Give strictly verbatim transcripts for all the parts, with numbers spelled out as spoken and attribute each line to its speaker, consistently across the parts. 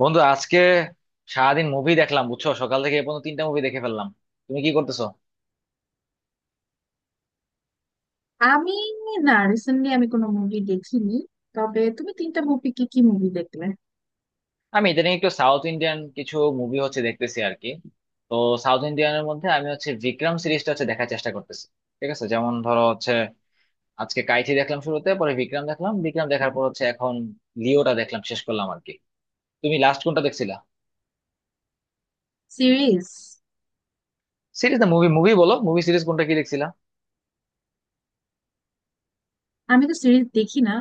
Speaker 1: বন্ধু আজকে সারাদিন মুভি দেখলাম, বুঝছো? সকাল থেকে এ পর্যন্ত তিনটা মুভি দেখে ফেললাম। তুমি কি করতেছো?
Speaker 2: আমি, না রিসেন্টলি আমি কোনো মুভি দেখিনি। তবে তুমি তিনটা মুভি, কি কি মুভি দেখলে?
Speaker 1: আমি ইদানিং একটু সাউথ ইন্ডিয়ান কিছু মুভি হচ্ছে দেখতেছি আর কি। তো সাউথ ইন্ডিয়ানের মধ্যে আমি হচ্ছে বিক্রম সিরিজটা হচ্ছে দেখার চেষ্টা করতেছি। ঠিক আছে, যেমন ধরো হচ্ছে আজকে কাইথি দেখলাম শুরুতে, পরে বিক্রম দেখলাম, বিক্রম দেখার পর হচ্ছে এখন লিওটা দেখলাম, শেষ করলাম আর কি। তুমি লাস্ট কোনটা দেখছিলা?
Speaker 2: সিরিজ?
Speaker 1: সিরিজ না মুভি, মুভি বলো, মুভি সিরিজ কোনটা কি দেখছিলা?
Speaker 2: আমি তো সিরিজ দেখি না।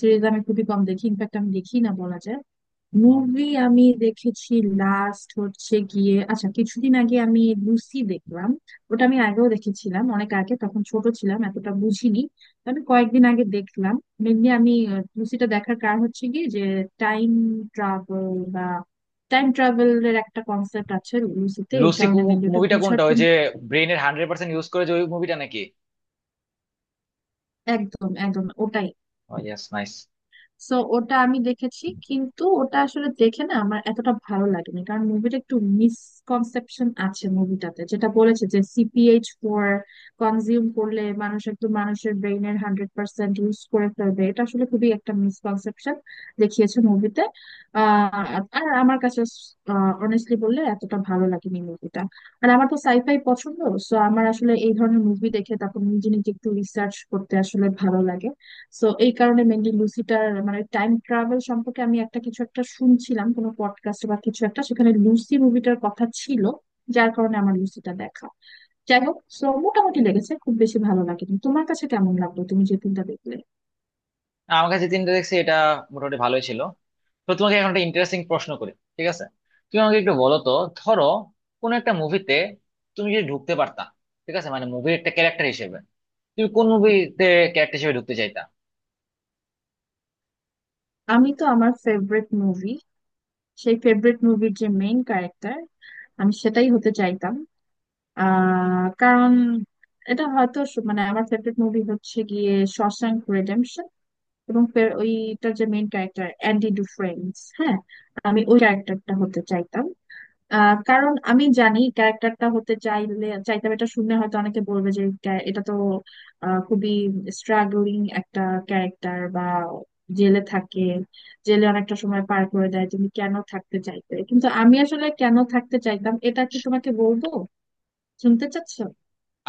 Speaker 2: সিরিজ আমি খুবই কম দেখি, ইনফ্যাক্ট আমি দেখি না বলা যায়।
Speaker 1: হুম।
Speaker 2: মুভি আমি দেখেছি। লাস্ট হচ্ছে গিয়ে, আচ্ছা কিছুদিন আগে আমি লুসি দেখলাম। ওটা আমি আগেও দেখেছিলাম, অনেক আগে, তখন ছোট ছিলাম, এতটা বুঝিনি। তো আমি কয়েকদিন আগে দেখলাম। মেনলি আমি আহ, লুসিটা দেখার কারণ হচ্ছে গিয়ে যে টাইম ট্রাভেল বা টাইম ট্রাভেলের একটা কনসেপ্ট আছে লুসিতে, এই
Speaker 1: লুসি
Speaker 2: কারণে মেনলি ওটা
Speaker 1: মুভিটা
Speaker 2: বুঝার
Speaker 1: কোনটা, ওই
Speaker 2: জন্য।
Speaker 1: যে ব্রেনের হান্ড্রেড পার্সেন্ট ইউজ করে, যে ওই মুভিটা নাকি?
Speaker 2: একদম একদম ওটাই।
Speaker 1: ও ইয়েস, নাইস।
Speaker 2: সো ওটা আমি দেখেছি, কিন্তু ওটা আসলে দেখে না আমার এতটা ভালো লাগেনি, কারণ মুভিটা একটু মিসকনসেপশন আছে মুভিটাতে। যেটা বলেছে যে C P H four consume করলে মানুষ একটু, মানুষের ব্রেইনের হান্ড্রেড পার্সেন্ট ইউজ করে ফেলবে, এটা আসলে খুবই একটা মিসকনসেপশন দেখিয়েছে মুভিতে। আহ আর আমার কাছে অনেস্টলি বললে এতটা ভালো লাগেনি মুভিটা। আর আমার তো সাইফাই পছন্দ, সো আমার আসলে এই ধরনের মুভি দেখে তারপর নিজে নিজে একটু রিসার্চ করতে আসলে ভালো লাগে। সো এই কারণে মেনলি লুসিটার মানে টাইম ট্রাভেল সম্পর্কে আমি একটা, কিছু একটা শুনছিলাম কোনো পডকাস্ট বা কিছু একটা, সেখানে লুসি মুভিটার কথা ছিল, যার কারণে আমার লুসিটা দেখা। যাই হোক, সো মোটামুটি লেগেছে, খুব বেশি ভালো লাগেনি। তোমার কাছে কেমন লাগলো তুমি যে ফিল্মটা দেখলে?
Speaker 1: আমার কাছে তিনটা দেখছি, এটা মোটামুটি ভালোই ছিল। তো তোমাকে এখন একটা ইন্টারেস্টিং প্রশ্ন করি, ঠিক আছে? তুমি আমাকে একটু বলো তো, ধরো কোন একটা মুভিতে তুমি যদি ঢুকতে পারতা, ঠিক আছে, মানে মুভির একটা ক্যারেক্টার হিসেবে, তুমি কোন মুভিতে ক্যারেক্টার হিসেবে ঢুকতে চাইতা?
Speaker 2: আমি তো আমার ফেভারিট মুভি, সেই ফেভারিট মুভির যে মেইন ক্যারেক্টার আমি সেটাই হতে চাইতাম। আহ কারণ এটা হয়তো স- মানে আমার ফেভারিট মুভি হচ্ছে গিয়ে শশাঙ্ক রিডেম্পশন, এবং ফের ওইটার যে মেইন ক্যারেক্টার অ্যান্ডি ডুফ্রেন্স, হ্যাঁ আমি ওই ক্যারেক্টারটা হতে চাইতাম। আহ, কারণ আমি জানি ক্যারেক্টারটা হতে চাইলে চাইতাম এটা শুনে হয়তো অনেকে বলবে যে ক্যা- এটা তো আহ, খুবই স্ট্রাগলিং একটা ক্যারেক্টার, বা জেলে থাকে, জেলে অনেকটা সময় পার করে দেয়, তুমি কেন থাকতে চাইতে? কিন্তু আমি আসলে কেন থাকতে চাইতাম এটা কি তোমাকে বলবো, শুনতে চাচ্ছো?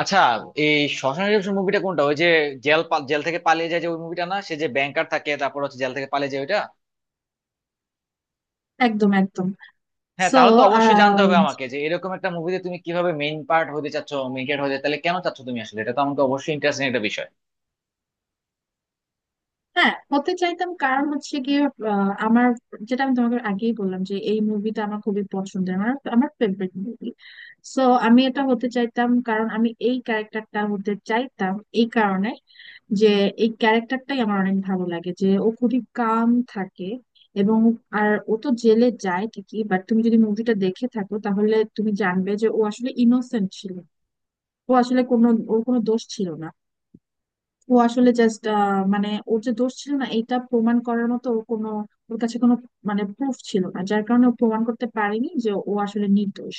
Speaker 1: আচ্ছা, এই শশাঙ্ক রিডেম্পশন মুভিটা কোনটা, ওই যে জেল পা- জেল থেকে পালিয়ে যায় যে ওই মুভিটা না, সে যে ব্যাংকার থাকে তারপর হচ্ছে জেল থেকে পালিয়ে যায় ওইটা?
Speaker 2: একদম একদম।
Speaker 1: হ্যাঁ,
Speaker 2: সো
Speaker 1: তাহলে তো অবশ্যই জানতে হবে আমাকে যে এরকম একটা মুভিতে তুমি কিভাবে মেইন পার্ট হতে চাচ্ছ, মেইন ক্যারেক্টার হতে তাহলে কেন চাচ্ছ তুমি আসলে, এটা তো আমাকে অবশ্যই ইন্টারেস্টিং একটা বিষয়।
Speaker 2: হ্যাঁ, হতে চাইতাম কারণ হচ্ছে গিয়ে আহ, আমার, যেটা আমি তোমাকে আগেই বললাম যে এই মুভিটা আমার খুবই পছন্দের, আমার, আমার ফেভারিট মুভি। সো আমি এটা হতে চাইতাম কারণ আমি এই ক্যারেক্টারটা হতে চাইতাম। এই কারণে যে এই ক্যারেক্টারটাই আমার অনেক ভালো লাগে। যে ও খুবই কাম থাকে। এবং আর ও তো জেলে যায় ঠিকই, বাট তুমি যদি মুভিটা দেখে থাকো তাহলে তুমি জানবে যে ও আসলে ইনোসেন্ট ছিল। ও আসলে কোনো, ওর কোনো দোষ ছিল না। ও আসলে জাস্ট মানে ওর যে দোষ ছিল না এটা প্রমাণ করার মতো ওর কোনো, ওর কাছে কোনো মানে প্রুফ ছিল না, যার কারণে ও প্রমাণ করতে পারেনি যে ও আসলে নির্দোষ।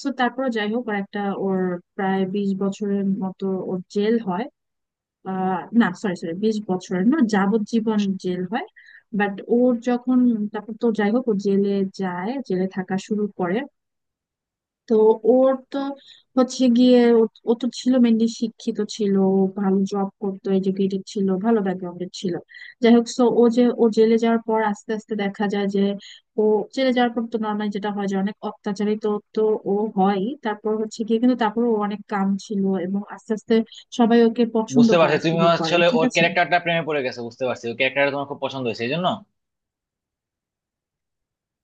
Speaker 2: তো তারপর যাই হোক, ওর একটা, ওর প্রায় বিশ বছরের মতো ওর জেল হয়, আহ, না সরি সরি, বিশ বছরের না, যাবজ্জীবন জেল হয়। বাট ওর যখন, তারপর তো যাই হোক ও জেলে যায়, জেলে থাকা শুরু করে। তো ওর তো হচ্ছে গিয়ে ও, ও তো ছিল মেনলি শিক্ষিত ছিল, ও ভালো জব করতো, এডুকেটেড ছিল, ভালো ব্যাকগ্রাউন্ডের ছিল। যাই হোক, সো ও যে ও জেলে যাওয়ার পর আস্তে আস্তে দেখা যায় যে ও জেলে যাওয়ার পর তো নর্মালি যেটা হয় যে অনেক অত্যাচারিত তো ও হয়, তারপর হচ্ছে গিয়ে, কিন্তু তারপর ও অনেক কাম ছিল এবং আস্তে আস্তে সবাই ওকে পছন্দ
Speaker 1: বুঝতে পারছি,
Speaker 2: করা
Speaker 1: তুমি
Speaker 2: শুরু করে,
Speaker 1: আসলে
Speaker 2: ঠিক
Speaker 1: ওর
Speaker 2: আছে।
Speaker 1: ক্যারেক্টারটা প্রেমে পড়ে গেছো, বুঝতে পারছি ওই ক্যারেক্টারটা তোমার খুব পছন্দ হয়েছে এই জন্য।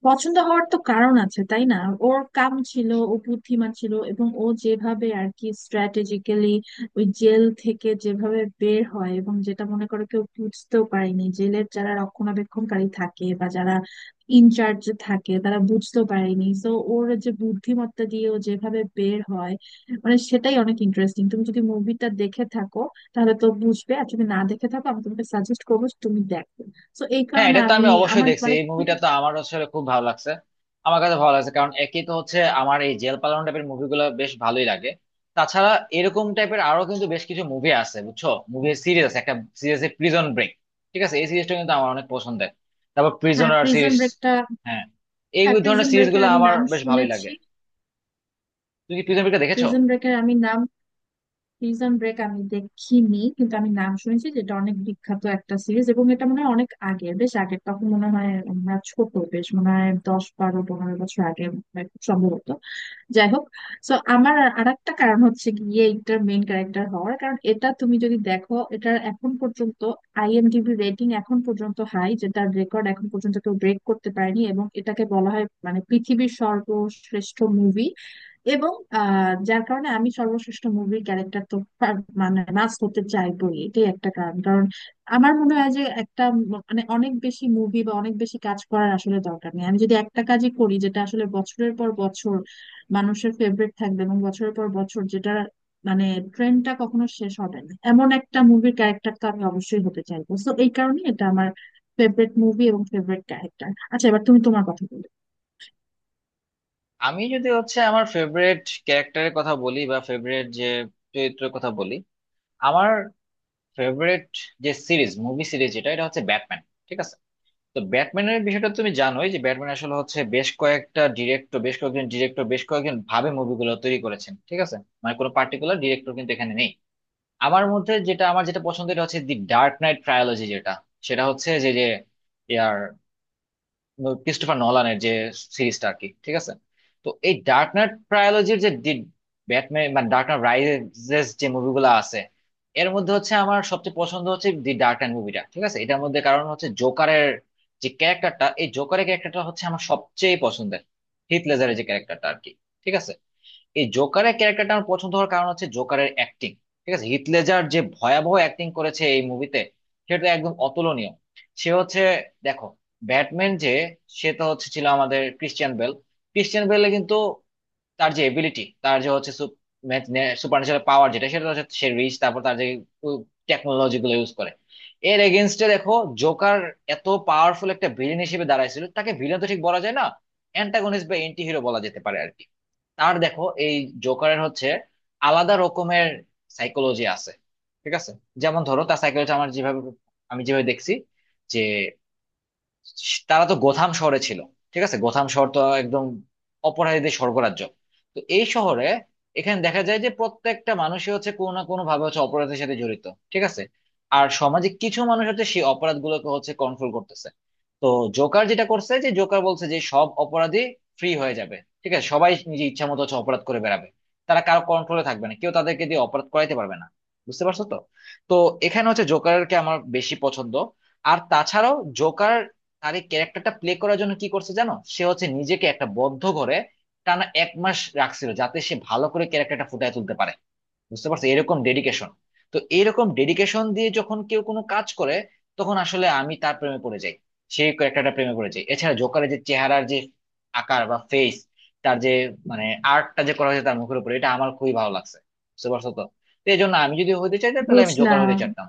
Speaker 2: পছন্দ হওয়ার তো কারণ আছে তাই না? ওর কাম ছিল, ও বুদ্ধিমান ছিল, এবং ও যেভাবে আর কি স্ট্র্যাটেজিক্যালি ওই জেল থেকে যেভাবে বের হয়, এবং যেটা মনে করে কেউ বুঝতেও পারেনি, জেলের যারা রক্ষণাবেক্ষণকারী থাকে বা যারা ইনচার্জ থাকে তারা বুঝতেও পারেনি, তো ওর যে বুদ্ধিমত্তা দিয়ে ও যেভাবে বের হয়, মানে সেটাই অনেক ইন্টারেস্টিং। তুমি যদি মুভিটা দেখে থাকো তাহলে তো বুঝবে, আর যদি না দেখে থাকো আমি তোমাকে সাজেস্ট করবো যে তুমি দেখো। তো এই
Speaker 1: হ্যাঁ,
Speaker 2: কারণে
Speaker 1: এটা তো
Speaker 2: আমি।
Speaker 1: আমি অবশ্যই
Speaker 2: আমার
Speaker 1: দেখছি,
Speaker 2: মানে
Speaker 1: এই মুভিটা
Speaker 2: তুমি।
Speaker 1: তো আমার আসলে খুব ভালো লাগছে। আমার কাছে ভালো লাগছে কারণ একই তো হচ্ছে, আমার এই জেল পালানো টাইপের মুভিগুলো বেশ ভালোই লাগে। তাছাড়া এরকম টাইপের আরো কিন্তু বেশ কিছু মুভি আছে বুঝছো, মুভি সিরিজ আছে একটা সিরিজ, প্রিজন ব্রেক, ঠিক আছে, এই সিরিজটা কিন্তু আমার অনেক পছন্দের। তারপর
Speaker 2: হ্যাঁ
Speaker 1: প্রিজনার
Speaker 2: প্রিজন
Speaker 1: সিরিজ,
Speaker 2: ব্রেকটা।
Speaker 1: হ্যাঁ, এই
Speaker 2: হ্যাঁ
Speaker 1: ধরনের
Speaker 2: প্রিজন
Speaker 1: সিরিজ
Speaker 2: ব্রেকের
Speaker 1: গুলো
Speaker 2: আমি
Speaker 1: আমার
Speaker 2: নাম
Speaker 1: বেশ ভালোই লাগে।
Speaker 2: শুনেছি।
Speaker 1: তুমি কি প্রিজন ব্রেকটা দেখেছো?
Speaker 2: প্রিজন ব্রেকের আমি নাম প্রিজন ব্রেক আমি দেখিনি, কিন্তু আমি নাম শুনেছি, যেটা অনেক বিখ্যাত একটা সিরিজ, এবং এটা মনে হয় অনেক আগের, বেশ আগের, তখন মনে হয় আমরা ছোট, বেশ মনে হয় দশ বারো পনেরো বছর আগে হয় খুব সম্ভবত। যাই হোক, সো আমার আর একটা কারণ হচ্ছে গিয়ে এটার মেইন ক্যারেক্টার হওয়ার কারণ, এটা তুমি যদি দেখো এটার এখন পর্যন্ত I am D B rating এখন পর্যন্ত হাই, যেটার রেকর্ড এখন পর্যন্ত কেউ ব্রেক করতে পারেনি, এবং এটাকে বলা হয় মানে পৃথিবীর সর্বশ্রেষ্ঠ মুভি। এবং আহ, যার কারণে আমি সর্বশ্রেষ্ঠ মুভির ক্যারেক্টার তো পার- মানে নাচ করতে চাইবই, এটাই একটা কারণ। কারণ আমার মনে হয় যে একটা ম- মানে অনেক বেশি মুভি বা অনেক বেশি কাজ করার আসলে দরকার নেই। আমি যদি একটা কাজই করি যেটা আসলে বছরের পর বছর মানুষের ফেভারিট থাকবে, এবং বছরের পর বছর যেটা মানে ট্রেন্ডটা কখনো শেষ হবে না, এমন একটা মুভির ক্যারেক্টার তো আমি অবশ্যই হতে চাইবো। তো এই কারণে এটা আমার ফেভারিট মুভি এবং ফেভারিট ক্যারেক্টার। আচ্ছা এবার তুমি তোমার কথা বলো।
Speaker 1: আমি যদি হচ্ছে আমার ফেভারিট ক্যারেক্টারের কথা বলি বা ফেভারিট যে চরিত্রের কথা বলি, আমার ফেভারিট যে সিরিজ, মুভি সিরিজ যেটা, এটা হচ্ছে ব্যাটম্যান, ঠিক আছে। তো ব্যাটম্যানের বিষয়টা তুমি জানোই যে ব্যাটম্যান আসলে হচ্ছে বেশ কয়েকটা ডিরেক্টর, বেশ কয়েকজন ডিরেক্টর বেশ কয়েকজন ভাবে মুভিগুলো তৈরি করেছেন, ঠিক আছে। মানে কোনো পার্টিকুলার ডিরেক্টর কিন্তু এখানে নেই। আমার মধ্যে যেটা, আমার যেটা পছন্দ, এটা হচ্ছে দি ডার্ক নাইট ট্রায়োলজি, যেটা সেটা হচ্ছে যে যে ক্রিস্টোফার নলানের যে সিরিজটা আর কি, ঠিক আছে। তো এই ডার্ক নাইট ট্রায়োলজির যে ব্যাটম্যান মানে ডার্ক নাইট রাইজেস যে মুভিগুলো আছে, এর মধ্যে হচ্ছে আমার সবচেয়ে পছন্দ হচ্ছে দি ডার্ক নাইট মুভিটা, ঠিক আছে। এটার মধ্যে কারণ হচ্ছে জোকারের যে ক্যারেক্টারটা, এই জোকারের ক্যারেক্টারটা হচ্ছে আমার সবচেয়ে পছন্দের, হিথ লেজারের যে ক্যারেক্টারটা আর কি, ঠিক আছে। এই জোকারের ক্যারেক্টারটা আমার পছন্দ হওয়ার কারণ হচ্ছে জোকারের অ্যাক্টিং, ঠিক আছে, হিথ লেজার যে ভয়াবহ অ্যাক্টিং করেছে এই মুভিতে, সেটা একদম অতুলনীয়। সে হচ্ছে, দেখো, ব্যাটম্যান যে, সে তো হচ্ছে ছিল আমাদের ক্রিশ্চিয়ান বেল, ক্রিশ্চিয়ান বেলে কিন্তু তার যে এবিলিটি, তার যে হচ্ছে সুপার ন্যাচারাল পাওয়ার যেটা, সেটা হচ্ছে সে রিচ, তারপর তার যে টেকনোলজি গুলো ইউজ করে, এর এগেনস্টে দেখো জোকার এত পাওয়ারফুল একটা ভিলেন হিসেবে দাঁড়াইছিল, তাকে ভিলেন তো ঠিক বলা যায় না, অ্যান্টাগনিস্ট বা এন্টি হিরো বলা যেতে পারে আর কি। তার দেখো, এই জোকারের হচ্ছে আলাদা রকমের সাইকোলজি আছে, ঠিক আছে। যেমন ধরো তার সাইকোলজি আমার যেভাবে, আমি যেভাবে দেখছি যে, তারা তো গোথাম শহরে ছিল, ঠিক আছে, গোথাম শহর তো একদম অপরাধীদের স্বর্গরাজ্য। তো এই শহরে, এখানে দেখা যায় যে প্রত্যেকটা মানুষই হচ্ছে কোনো না কোনো ভাবে হচ্ছে অপরাধের সাথে জড়িত, ঠিক আছে। আর সমাজে কিছু মানুষ হচ্ছে সেই অপরাধগুলোকে হচ্ছে কন্ট্রোল করতেছে। তো জোকার যেটা করছে, যে জোকার বলছে যে সব অপরাধী ফ্রি হয়ে যাবে, ঠিক আছে, সবাই নিজের ইচ্ছা মতো হচ্ছে অপরাধ করে বেড়াবে, তারা কারো কন্ট্রোলে থাকবে না, কেউ তাদেরকে দিয়ে অপরাধ করাইতে পারবে না, বুঝতে পারছো তো? তো এখানে হচ্ছে জোকারকে আমার বেশি পছন্দ। আর তাছাড়াও জোকার, আর এই ক্যারেক্টারটা প্লে করার জন্য কি করছে জানো, সে হচ্ছে নিজেকে একটা বদ্ধ ঘরে টানা এক মাস রাখছিল যাতে সে ভালো করে ক্যারেক্টারটা ফুটিয়ে তুলতে পারে, বুঝতে পারছো এরকম ডেডিকেশন? তো এরকম ডেডিকেশন দিয়ে যখন কেউ কোনো কাজ করে, তখন আসলে আমি তার প্রেমে পড়ে যাই, সেই ক্যারেক্টারটা প্রেমে পড়ে যাই। এছাড়া জোকারের যে চেহারার যে আকার বা ফেস, তার যে, মানে আর্টটা যে করা হয়েছে তার মুখের উপরে, এটা আমার খুবই ভালো লাগছে, বুঝতে পারছো তো? তো এই জন্য আমি যদি হতে চাইতাম তাহলে আমি জোকার হতে
Speaker 2: বুঝলাম।
Speaker 1: চাইতাম।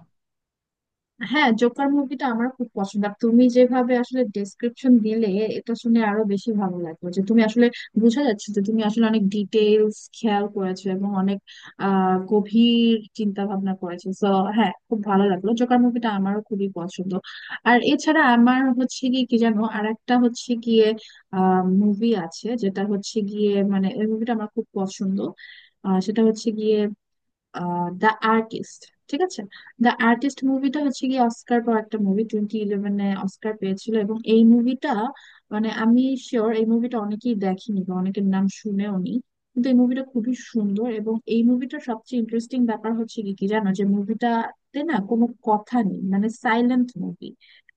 Speaker 2: হ্যাঁ, জোকার মুভিটা আমার খুব পছন্দ, আর তুমি যেভাবে আসলে ডেসক্রিপশন দিলে এটা শুনে আরো বেশি ভালো লাগলো, যে তুমি আসলে, বোঝা যাচ্ছে যে তুমি আসলে অনেক ডিটেলস খেয়াল করেছো এবং অনেক আহ গভীর চিন্তা ভাবনা করেছো। তো হ্যাঁ, খুব ভালো লাগলো। জোকার মুভিটা আমারও খুবই পছন্দ। আর এছাড়া আমার হচ্ছে গিয়ে কি জানো, আর একটা হচ্ছে গিয়ে আহ মুভি আছে, যেটা হচ্ছে গিয়ে মানে এই মুভিটা আমার খুব পছন্দ। আহ সেটা হচ্ছে গিয়ে দ্য আর্টিস্ট, ঠিক আছে? দ্য আর্টিস্ট মুভিটা হচ্ছে কি অস্কার পাওয়া একটা মুভি, টোয়েন্টি ইলেভেনে অস্কার পেয়েছিল, এবং এই মুভিটা মানে আমি শিওর এই মুভিটা অনেকেই দেখেনি বা অনেকের নাম শুনেও নি। কিন্তু এই মুভিটা খুবই সুন্দর, এবং এই মুভিটার সবচেয়ে ইন্টারেস্টিং ব্যাপার হচ্ছে কি কি জানো, যে মুভিটাতে না কোনো কথা নেই, মানে সাইলেন্ট মুভি।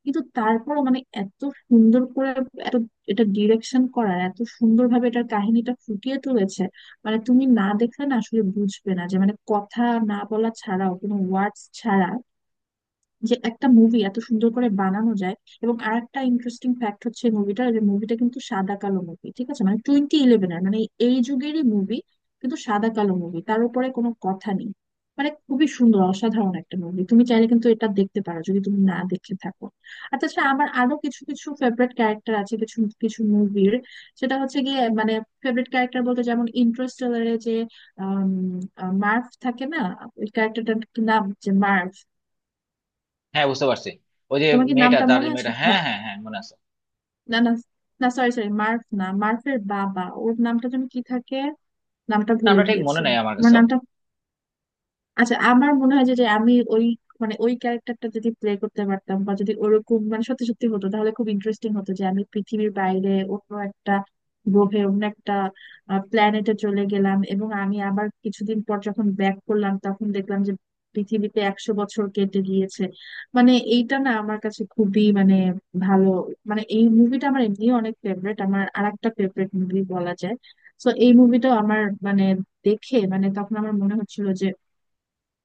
Speaker 2: কিন্তু তারপরও মানে এত সুন্দর করে, এত, এটা ডিরেকশন করার এত সুন্দরভাবে এটার কাহিনীটা ফুটিয়ে তুলেছে, মানে তুমি না দেখলে না আসলে বুঝবে না যে মানে কথা না বলা ছাড়াও, কোনো ওয়ার্ডস ছাড়া যে একটা মুভি এত সুন্দর করে বানানো যায়। এবং আরেকটা ইন্টারেস্টিং ফ্যাক্ট হচ্ছে মুভিটা, যে মুভিটা কিন্তু সাদা কালো মুভি, ঠিক আছে? মানে টোয়েন্টি ইলেভেন এর মানে এই যুগেরই মুভি, কিন্তু সাদা কালো মুভি, তার উপরে কোনো কথা নেই। মানে খুবই সুন্দর অসাধারণ একটা মুভি, তুমি চাইলে কিন্তু এটা দেখতে পারো যদি তুমি না দেখে থাকো। আর তাছাড়া আমার আরো কিছু কিছু ফেভারিট ক্যারেক্টার আছে, কিছু কিছু মুভির। সেটা হচ্ছে গিয়ে মানে ফেভারিট ক্যারেক্টার বলতে যেমন ইন্টারস্টেলারে যে আম, আহ, মার্ভ থাকে না, ওই ক্যারেক্টারটার নাম যে মার্ভ,
Speaker 1: হ্যাঁ, বুঝতে পারছি, ওই যে
Speaker 2: তোমার কি
Speaker 1: মেয়েটা,
Speaker 2: নামটা
Speaker 1: তার
Speaker 2: মনে
Speaker 1: যে
Speaker 2: আছে?
Speaker 1: মেয়েটা, হ্যাঁ
Speaker 2: হ্যাঁ
Speaker 1: হ্যাঁ হ্যাঁ, মনে আছে।
Speaker 2: না না, না সরি সরি, মার্ফ না, মার্ফের বাবা, ওর নামটা যেন কি থাকে, নামটা ভুলে
Speaker 1: নামটা ঠিক মনে
Speaker 2: গিয়েছি।
Speaker 1: নেই আমার
Speaker 2: তোমার
Speaker 1: কাছেও।
Speaker 2: নামটা? আচ্ছা আমার মনে হয় যে, যে আমি ওই মানে ওই ক্যারেক্টারটা যদি প্লে করতে পারতাম, বা যদি ওরকম মানে সত্যি সত্যি হতো তাহলে খুব ইন্টারেস্টিং হতো, যে আমি পৃথিবীর বাইরে অন্য একটা গ্রহে, অন্য একটা প্ল্যানেটে চলে গেলাম এবং আমি আবার কিছুদিন পর যখন ব্যাক করলাম তখন দেখলাম যে পৃথিবীতে একশো বছর কেটে গিয়েছে। মানে এইটা না আমার কাছে খুবই মানে ভালো, মানে এই মুভিটা আমার এমনিও অনেক ফেভারিট, আমার আরেকটা ফেভারিট মুভি বলা যায়। তো এই মুভিটাও আমার মানে দেখে মানে তখন আমার মনে হচ্ছিল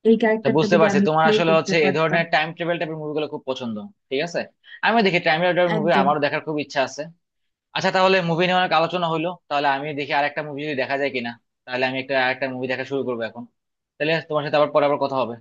Speaker 2: এই
Speaker 1: তো
Speaker 2: ক্যারেক্টারটা
Speaker 1: বুঝতে
Speaker 2: যদি
Speaker 1: পারছি,
Speaker 2: আমি
Speaker 1: তোমার
Speaker 2: প্লে
Speaker 1: আসলে
Speaker 2: করতে
Speaker 1: হচ্ছে এ
Speaker 2: পারতাম।
Speaker 1: ধরনের টাইম ট্রাভেল টাইপের মুভিগুলো খুব পছন্দ, ঠিক আছে। আমি দেখি, টাইম ট্রাভেল মুভি
Speaker 2: একদম।
Speaker 1: আমারও দেখার খুব ইচ্ছা আছে। আচ্ছা, তাহলে মুভি নিয়ে অনেক আলোচনা হলো, তাহলে আমি দেখি আরেকটা মুভি যদি দেখা যায় কিনা। তাহলে আমি একটা আরেকটা মুভি দেখা শুরু করবো এখন, তাহলে তোমার সাথে আবার পরে আবার কথা হবে।